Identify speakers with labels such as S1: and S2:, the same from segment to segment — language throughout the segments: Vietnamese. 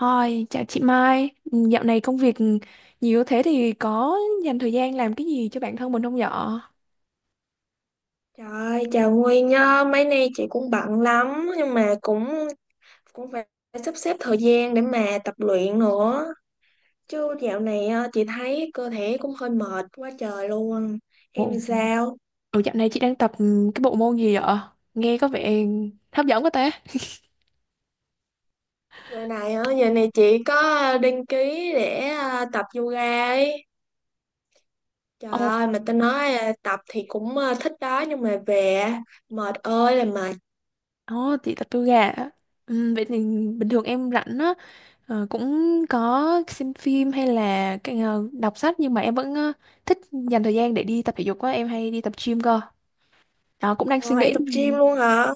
S1: Hi, chào chị Mai. Ừ, Dạo này công việc nhiều thế thì có dành thời gian làm cái gì cho bản thân mình không vậy?
S2: Trời ơi, chào Nguyên nhá, mấy nay chị cũng bận lắm nhưng mà cũng cũng phải sắp xếp thời gian để mà tập luyện nữa. Chứ dạo này chị thấy cơ thể cũng hơi mệt quá trời luôn. Em thì
S1: Ồ,
S2: sao?
S1: Dạo này chị đang tập cái bộ môn gì vậy? Nghe có vẻ hấp dẫn quá ta.
S2: Giờ này giờ này chị có đăng ký để tập yoga ấy. Trời
S1: Ồ,
S2: ơi, mà tao nói tập thì cũng thích đó nhưng mà về á, mệt ơi là mệt.
S1: ồ, chị tập yoga ạ. Vậy thì bình thường em rảnh á, cũng có xem phim hay là cái, đọc sách nhưng mà em vẫn thích dành thời gian để đi tập thể dục á, em hay đi tập gym cơ. Đó, cũng đang
S2: Ờ,
S1: suy
S2: em
S1: nghĩ.
S2: tập gym luôn hả?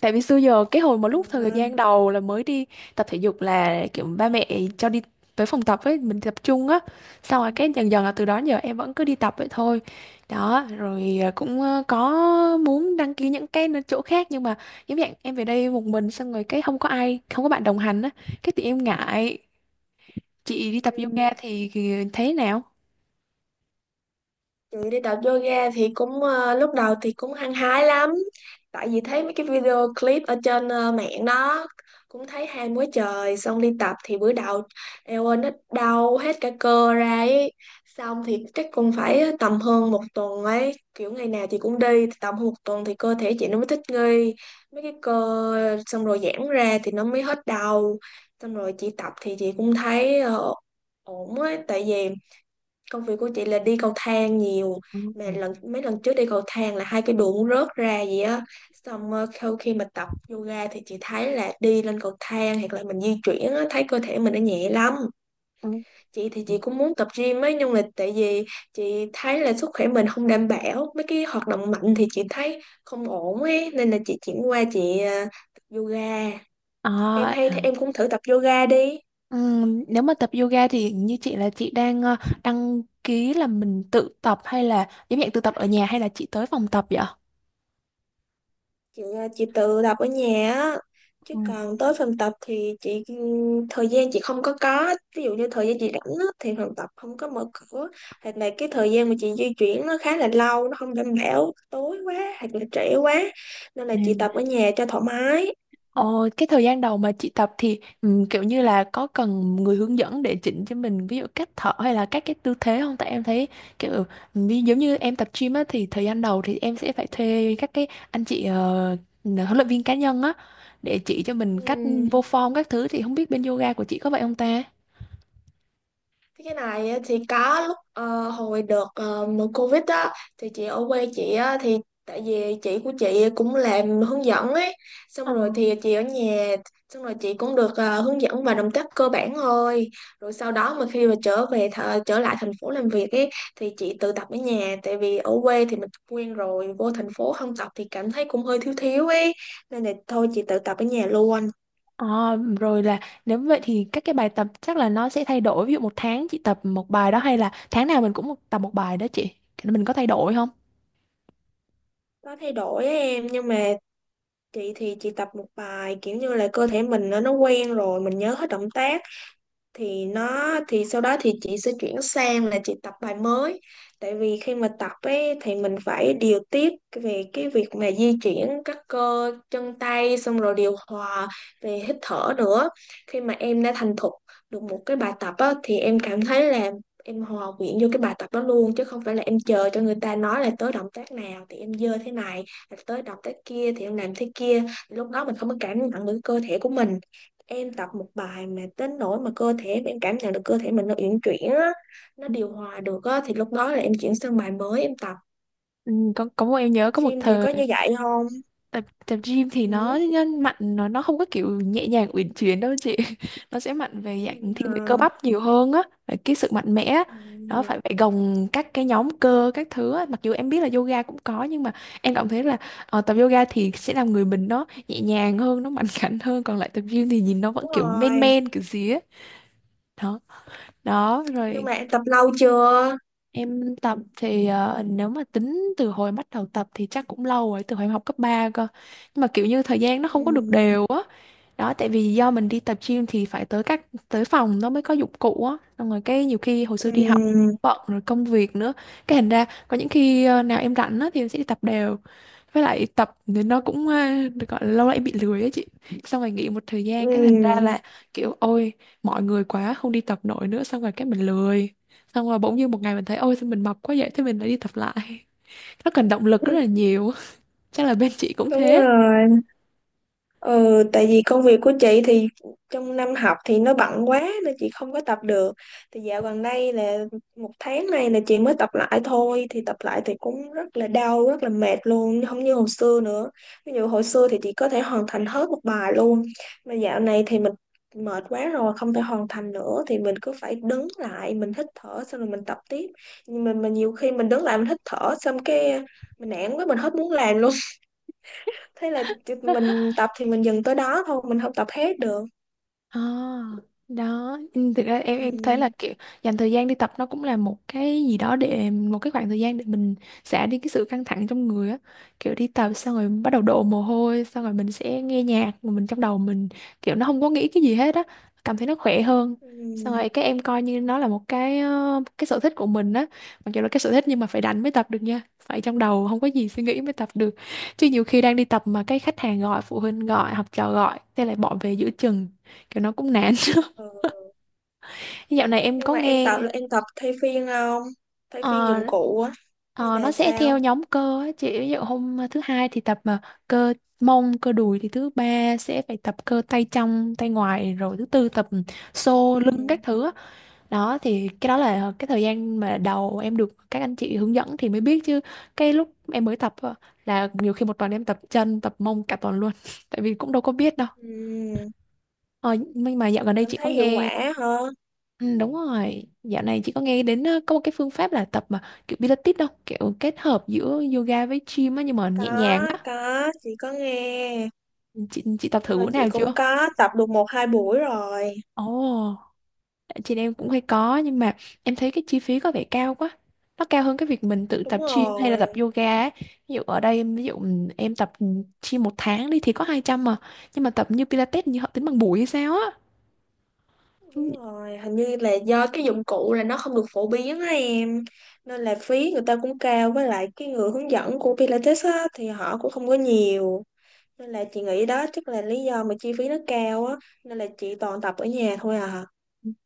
S1: Tại vì xưa giờ cái hồi mà
S2: Trời
S1: lúc thời
S2: ơi.
S1: gian đầu là mới đi tập thể dục là kiểu ba mẹ cho đi tới phòng tập ấy mình tập trung á, xong rồi cái dần dần là từ đó giờ em vẫn cứ đi tập vậy thôi đó rồi, cũng có muốn đăng ký những cái chỗ khác nhưng mà giống dạng em về đây một mình, xong rồi cái không có ai không có bạn đồng hành á, cái thì em ngại. Chị đi tập yoga
S2: Ừ.
S1: thì thấy thế nào?
S2: Ừ, đi tập yoga thì cũng lúc đầu thì cũng hăng hái lắm, tại vì thấy mấy cái video clip ở trên mạng đó, cũng thấy ham quá trời. Xong đi tập thì bữa đầu eo ơi nó đau hết cả cơ ra ấy. Xong thì chắc cũng phải tầm hơn một tuần ấy, kiểu ngày nào chị cũng đi, thì tầm hơn một tuần thì cơ thể chị nó mới thích nghi mấy cái cơ, xong rồi giãn ra thì nó mới hết đau. Xong rồi chị tập thì chị cũng thấy ổn ấy, tại vì công việc của chị là đi cầu thang nhiều,
S1: Ừ,
S2: mà
S1: ừ,
S2: lần mấy lần trước đi cầu thang là hai cái đùi cũng rớt ra gì á. Xong sau khi mà tập yoga thì chị thấy là đi lên cầu thang hoặc là mình di chuyển á, thấy cơ thể mình nó nhẹ lắm. Chị thì
S1: ừ.
S2: chị cũng muốn tập gym ấy, nhưng mà tại vì chị thấy là sức khỏe mình không đảm bảo mấy cái hoạt động mạnh, thì chị thấy không ổn ấy, nên là chị chuyển qua chị tập yoga. Em
S1: à,
S2: hay thì em cũng thử tập yoga đi.
S1: nếu mà tập yoga thì như chị là chị đang đăng ký là mình tự tập hay là giống dạng tự tập ở nhà hay là chị tới phòng tập vậy?
S2: Chị tự tập ở nhà á, chứ
S1: Ừ.
S2: còn tới phòng tập thì chị thời gian chị không có ví dụ như thời gian chị rảnh á, thì phòng tập không có mở cửa, hoặc là cái thời gian mà chị di chuyển nó khá là lâu, nó không đảm bảo, tối quá hoặc là trễ quá, nên là
S1: Ừ.
S2: chị tập ở nhà cho thoải mái.
S1: Ồ, cái thời gian đầu mà chị tập thì kiểu như là có cần người hướng dẫn để chỉnh cho mình ví dụ cách thở hay là các cái tư thế không? Tại em thấy kiểu giống như em tập gym á, thì thời gian đầu thì em sẽ phải thuê các cái anh chị huấn luyện viên cá nhân á, để chỉ cho mình cách vô
S2: Ừ.
S1: form các thứ, thì không biết bên yoga của chị có vậy không ta?
S2: Cái này á, thì có lúc hồi đợt mùa Covid á, thì chị ở quê chị á, thì tại vì chị của chị cũng làm hướng dẫn ấy, xong rồi thì chị ở nhà, xong rồi chị cũng được hướng dẫn vài động tác cơ bản thôi. Rồi sau đó mà khi mà trở lại thành phố làm việc ấy, thì chị tự tập ở nhà, tại vì ở quê thì mình quen rồi, vô thành phố không tập thì cảm thấy cũng hơi thiếu thiếu ấy, nên là thôi chị tự tập ở nhà luôn.
S1: À, rồi là nếu vậy thì các cái bài tập chắc là nó sẽ thay đổi, ví dụ một tháng chị tập một bài đó hay là tháng nào mình cũng tập một bài đó, chị mình có thay đổi không?
S2: Có thay đổi á em, nhưng mà chị thì chị tập một bài, kiểu như là cơ thể mình nó quen rồi, mình nhớ hết động tác, thì thì sau đó thì chị sẽ chuyển sang là chị tập bài mới. Tại vì khi mà tập ấy thì mình phải điều tiết về cái việc mà di chuyển các cơ chân tay, xong rồi điều hòa về hít thở nữa. Khi mà em đã thành thục được một cái bài tập á, thì em cảm thấy là em hòa quyện vô cái bài tập đó luôn, chứ không phải là em chờ cho người ta nói là tới động tác nào thì em dơ thế này, là tới động tác kia thì em làm thế kia, lúc đó mình không có cảm nhận được cơ thể của mình. Em tập một bài mà đến nỗi mà cơ thể em cảm nhận được cơ thể mình nó uyển chuyển á, nó điều hòa được á, thì lúc đó là em chuyển sang bài mới em tập.
S1: Có một, em nhớ
S2: Tập
S1: có một
S2: gym thì
S1: thời
S2: có như vậy không?
S1: tập tập gym thì nó
S2: Ừ.
S1: nhân mạnh, nó không có kiểu nhẹ nhàng uyển chuyển đâu chị nó sẽ mạnh về
S2: Cái này
S1: dạng thiên về cơ
S2: hả?
S1: bắp nhiều hơn á, về cái sự mạnh mẽ á. Đó,
S2: Ừ,
S1: phải phải gồng các cái nhóm cơ các thứ á. Mặc dù em biết là yoga cũng có nhưng mà em cảm thấy là tập yoga thì sẽ làm người mình nó nhẹ nhàng hơn, nó mạnh khảnh hơn, còn lại tập gym thì nhìn nó vẫn
S2: đúng
S1: kiểu men
S2: rồi.
S1: men kiểu gì á. Đó đó
S2: Nhưng
S1: rồi.
S2: mà em tập lâu chưa?
S1: Em tập thì nếu mà tính từ hồi bắt đầu tập thì chắc cũng lâu rồi, từ hồi em học cấp 3 cơ. Nhưng mà kiểu như thời gian nó không có được
S2: Ừ.
S1: đều á. Đó, tại vì do mình đi tập gym thì phải tới tới phòng nó mới có dụng cụ á. Xong rồi cái nhiều khi hồi xưa đi học
S2: Ừ.
S1: bận, rồi công việc nữa. Cái thành ra có những khi nào em rảnh á thì em sẽ đi tập đều, với lại tập thì nó cũng được gọi là lâu lại bị lười á chị, xong rồi nghỉ một thời gian cái thành ra
S2: Ừ.
S1: là kiểu ôi mọi người quá không đi tập nổi nữa, xong rồi cái mình lười, xong rồi bỗng nhiên một ngày mình thấy ôi sao mình mập quá vậy, thế mình lại đi tập lại. Nó cần động lực rất là nhiều. Chắc là bên chị cũng
S2: Đúng
S1: thế.
S2: rồi. Ừ, tại vì công việc của chị thì trong năm học thì nó bận quá nên chị không có tập được. Thì dạo gần đây là một tháng nay là chị mới tập lại thôi. Thì tập lại thì cũng rất là đau, rất là mệt luôn, không như hồi xưa nữa. Ví dụ hồi xưa thì chị có thể hoàn thành hết một bài luôn. Mà dạo này thì mình mệt quá rồi, không thể hoàn thành nữa. Thì mình cứ phải đứng lại, mình hít thở xong rồi mình tập tiếp. Nhưng mà nhiều khi mình đứng lại mình hít thở xong cái mình nản quá, mình hết muốn làm luôn, thế là tụi mình tập thì mình dừng tới đó thôi, mình không tập hết được.
S1: À, đó. Ừ, thực ra
S2: Ừ.
S1: em thấy là kiểu dành thời gian đi tập nó cũng là một cái gì đó để, một cái khoảng thời gian để mình xả đi cái sự căng thẳng trong người á, kiểu đi tập xong rồi bắt đầu đổ mồ hôi, xong rồi mình sẽ nghe nhạc mà mình trong đầu mình kiểu nó không có nghĩ cái gì hết á, cảm thấy nó khỏe hơn. Xong
S2: Ừ.
S1: rồi các em coi như nó là một cái cái sở thích của mình á, mặc dù là cái sở thích nhưng mà phải đánh mới tập được nha, phải trong đầu không có gì suy nghĩ mới tập được, chứ nhiều khi đang đi tập mà cái khách hàng gọi, phụ huynh gọi, học trò gọi, thế lại bỏ về giữa chừng kiểu nó cũng nản.
S2: Ừ.
S1: Dạo này em
S2: Nhưng
S1: có
S2: mà em
S1: nghe
S2: tập là em tập thay phiên không, thay phiên
S1: ờ,
S2: dụng cụ á, hay
S1: ờ, nó
S2: là
S1: sẽ theo
S2: sao?
S1: nhóm cơ á chị, ví dụ hôm thứ hai thì tập mà cơ mông, cơ đùi, thì thứ ba sẽ phải tập cơ tay trong tay ngoài, rồi thứ tư tập xô lưng
S2: Ừ.
S1: các thứ á. Đó thì cái đó là cái thời gian mà đầu em được các anh chị hướng dẫn thì mới biết, chứ cái lúc em mới tập á, là nhiều khi một tuần em tập chân, tập mông cả tuần luôn tại vì cũng đâu có biết đâu.
S2: Ừ.
S1: Ờ, nhưng mà dạo gần đây
S2: Em
S1: chị có
S2: thấy hiệu
S1: nghe.
S2: quả hả?
S1: Ừ, đúng rồi, dạo này chị có nghe đến có một cái phương pháp là tập mà kiểu Pilates đâu, kiểu kết hợp giữa yoga với gym á, nhưng mà nhẹ
S2: có
S1: nhàng á.
S2: có chị có nghe,
S1: Chị, tập
S2: tức
S1: thử
S2: là
S1: bữa
S2: chị
S1: nào chưa?
S2: cũng có tập được một hai buổi rồi.
S1: Ồ, chị em cũng hay có nhưng mà em thấy cái chi phí có vẻ cao quá. Nó cao hơn cái việc mình tự
S2: Đúng
S1: tập gym hay là
S2: rồi.
S1: tập yoga á. Ví dụ ở đây ví dụ em tập gym một tháng đi thì có 200 mà, nhưng mà tập như Pilates như họ tính bằng buổi hay sao á. Ừ.
S2: Đúng rồi, hình như là do cái dụng cụ là nó không được phổ biến á em. Nên là phí người ta cũng cao. Với lại cái người hướng dẫn của Pilates á, thì họ cũng không có nhiều. Nên là chị nghĩ đó chắc là lý do mà chi phí nó cao á. Nên là chị toàn tập ở nhà thôi à.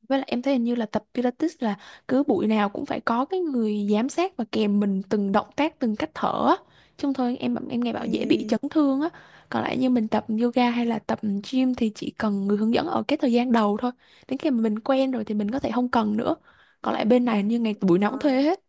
S1: Với lại em thấy hình như là tập Pilates là cứ buổi nào cũng phải có cái người giám sát và kèm mình từng động tác, từng cách thở á. Chứ không thôi em nghe bảo dễ bị
S2: Ừm.
S1: chấn thương á. Còn lại như mình tập yoga hay là tập gym thì chỉ cần người hướng dẫn ở cái thời gian đầu thôi. Đến khi mà mình quen rồi thì mình có thể không cần nữa. Còn lại bên này hình như ngày buổi nào cũng thuê hết.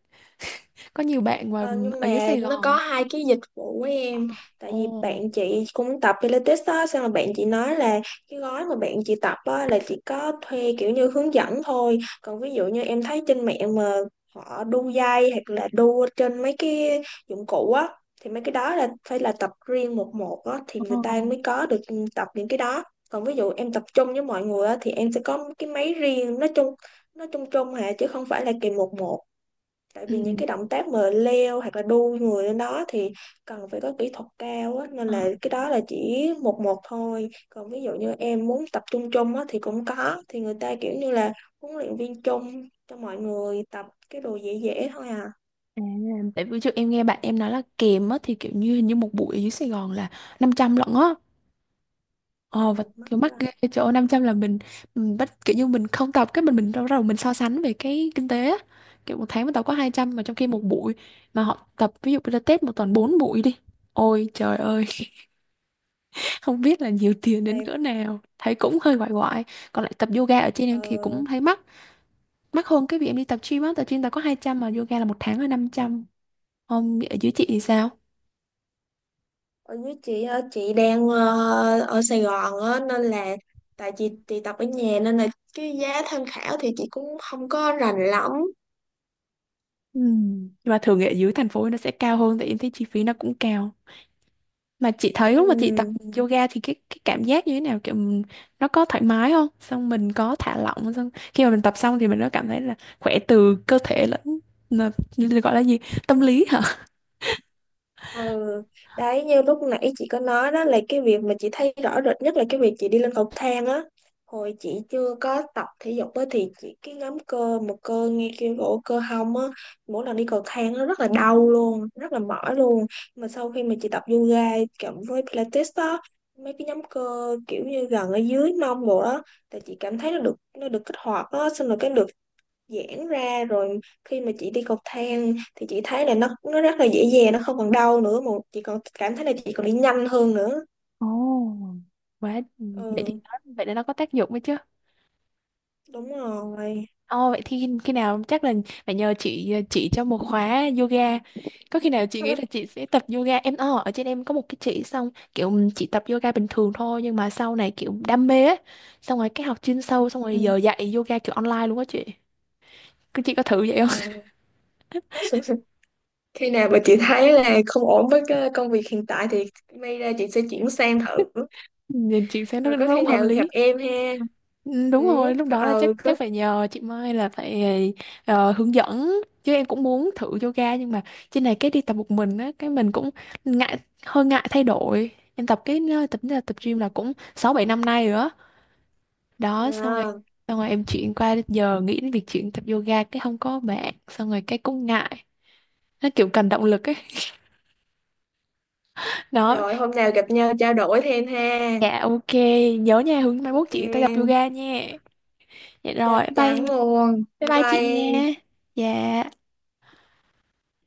S1: Có nhiều bạn mà
S2: Ờ, nhưng
S1: ở dưới
S2: mà
S1: Sài
S2: nó có
S1: Gòn.
S2: hai cái dịch vụ của em, tại
S1: Ồ.
S2: vì bạn chị cũng tập Pilates đó, xong rồi bạn chị nói là cái gói mà bạn chị tập á, là chỉ có thuê kiểu như hướng dẫn thôi. Còn ví dụ như em thấy trên mạng mà họ đu dây hoặc là đu trên mấy cái dụng cụ á, thì mấy cái đó là phải là tập riêng một một á, thì người
S1: Ờ.
S2: ta mới có được tập những cái đó. Còn ví dụ em tập trung với mọi người á, thì em sẽ có cái máy riêng, nó chung chung hà, chứ không phải là kỳ một một. Tại vì những
S1: Ừ.
S2: cái động tác mà leo hoặc là đu người lên đó thì cần phải có kỹ thuật cao á, nên
S1: ờ,
S2: là cái đó là chỉ một một thôi. Còn ví dụ như em muốn tập trung chung á thì cũng có, thì người ta kiểu như là huấn luyện viên chung cho mọi người tập cái đồ dễ dễ thôi à.
S1: à, Tại vì trước em nghe bạn em nói là kèm á thì kiểu như hình như một buổi ở dưới Sài Gòn là 500 lận á. Ờ và
S2: Ồ mắc
S1: kiểu mắc
S2: lắm.
S1: ghê chỗ 500 là mình bắt kiểu như mình không tập, cái mình đâu đầu mình so sánh về cái kinh tế á. Kiểu một tháng mình tập có 200 mà trong khi một buổi mà họ tập ví dụ Pilates một tuần 4 buổi đi. Ôi trời ơi, không biết là nhiều tiền đến
S2: Tại,
S1: cỡ nào. Thấy cũng hơi quại quại. Còn lại tập yoga ở trên
S2: ờ,
S1: em thì cũng thấy mắc. Mắc hơn cái việc em đi tập gym á, tập gym tao có 200 mà yoga là một tháng là 500. Không, ở dưới chị thì sao?
S2: Ở dưới chị á, chị đang ở Sài Gòn á, nên là tại chị tập ở nhà, nên là cái giá tham khảo thì chị cũng không có rành lắm.
S1: Ừ. Nhưng mà thường ở dưới thành phố nó sẽ cao hơn, tại em thấy chi phí nó cũng cao. Mà chị thấy lúc mà chị tập
S2: Ừm.
S1: yoga thì cái cảm giác như thế nào, kiểu nó có thoải mái không, xong mình có thả lỏng không? Xong khi mà mình tập xong thì mình có cảm thấy là khỏe từ cơ thể lẫn là, gọi là gì, tâm lý hả?
S2: Ừ, đấy như lúc nãy chị có nói đó, là cái việc mà chị thấy rõ rệt nhất là cái việc chị đi lên cầu thang á. Hồi chị chưa có tập thể dục á, thì chị cái nhóm cơ một cơ ngay kia cổ cơ hông á, mỗi lần đi cầu thang nó rất là đau luôn, rất là mỏi luôn. Mà sau khi mà chị tập yoga cộng với Pilates đó, mấy cái nhóm cơ kiểu như gần ở dưới mông bộ đó, thì chị cảm thấy nó được kích hoạt á, xong rồi cái được giãn ra, rồi khi mà chị đi cầu thang thì chị thấy là nó rất là dễ dàng, nó không còn đau nữa, mà chị còn cảm thấy là chị còn đi nhanh hơn nữa.
S1: Ồ, quá, vậy thì
S2: Ừ.
S1: nó vậy để nó có tác dụng ấy chứ.
S2: Đúng rồi.
S1: Ồ, vậy thì khi, nào chắc là phải nhờ chị chỉ cho một khóa yoga. Có khi nào chị nghĩ là chị sẽ tập yoga, em ở trên em có một cái chị, xong kiểu chị tập yoga bình thường thôi nhưng mà sau này kiểu đam mê ấy. Xong rồi cái học chuyên sâu xong rồi
S2: Ừ.
S1: giờ dạy yoga kiểu online luôn á chị. Cứ chị có thử vậy
S2: Ờ.
S1: không?
S2: Khi nào mà chị thấy là không ổn với cái công việc hiện tại thì may ra chị sẽ chuyển sang thử.
S1: Nhìn chị xem nó
S2: Rồi có
S1: nó
S2: khi
S1: cũng hợp
S2: nào gặp
S1: lý.
S2: em ha.
S1: Ừ,
S2: Ừ,
S1: đúng rồi, lúc
S2: có,
S1: đó là chắc
S2: ừ có.
S1: chắc phải nhờ chị Mai, là phải hướng dẫn, chứ em cũng muốn thử yoga nhưng mà trên này cái đi tập một mình á, cái mình cũng ngại hơi ngại thay đổi. Em tập cái ờ, tập tập gym là
S2: Ừ.
S1: cũng 6 7 năm nay rồi đó. Đó xong rồi
S2: À.
S1: em chuyển qua giờ nghĩ đến việc chuyển tập yoga cái không có bạn, xong rồi cái cũng ngại. Nó kiểu cần động lực ấy. Đó.
S2: Rồi hôm nào gặp nhau trao đổi thêm ha.
S1: Dạ ok, nhớ nha, hướng mai mốt
S2: Ok
S1: chị ta tập
S2: em.
S1: yoga nha. Dạ
S2: Chắc
S1: rồi, bye
S2: chắn luôn,
S1: bye
S2: bye
S1: bye chị
S2: bye
S1: nha.
S2: em.
S1: Dạ.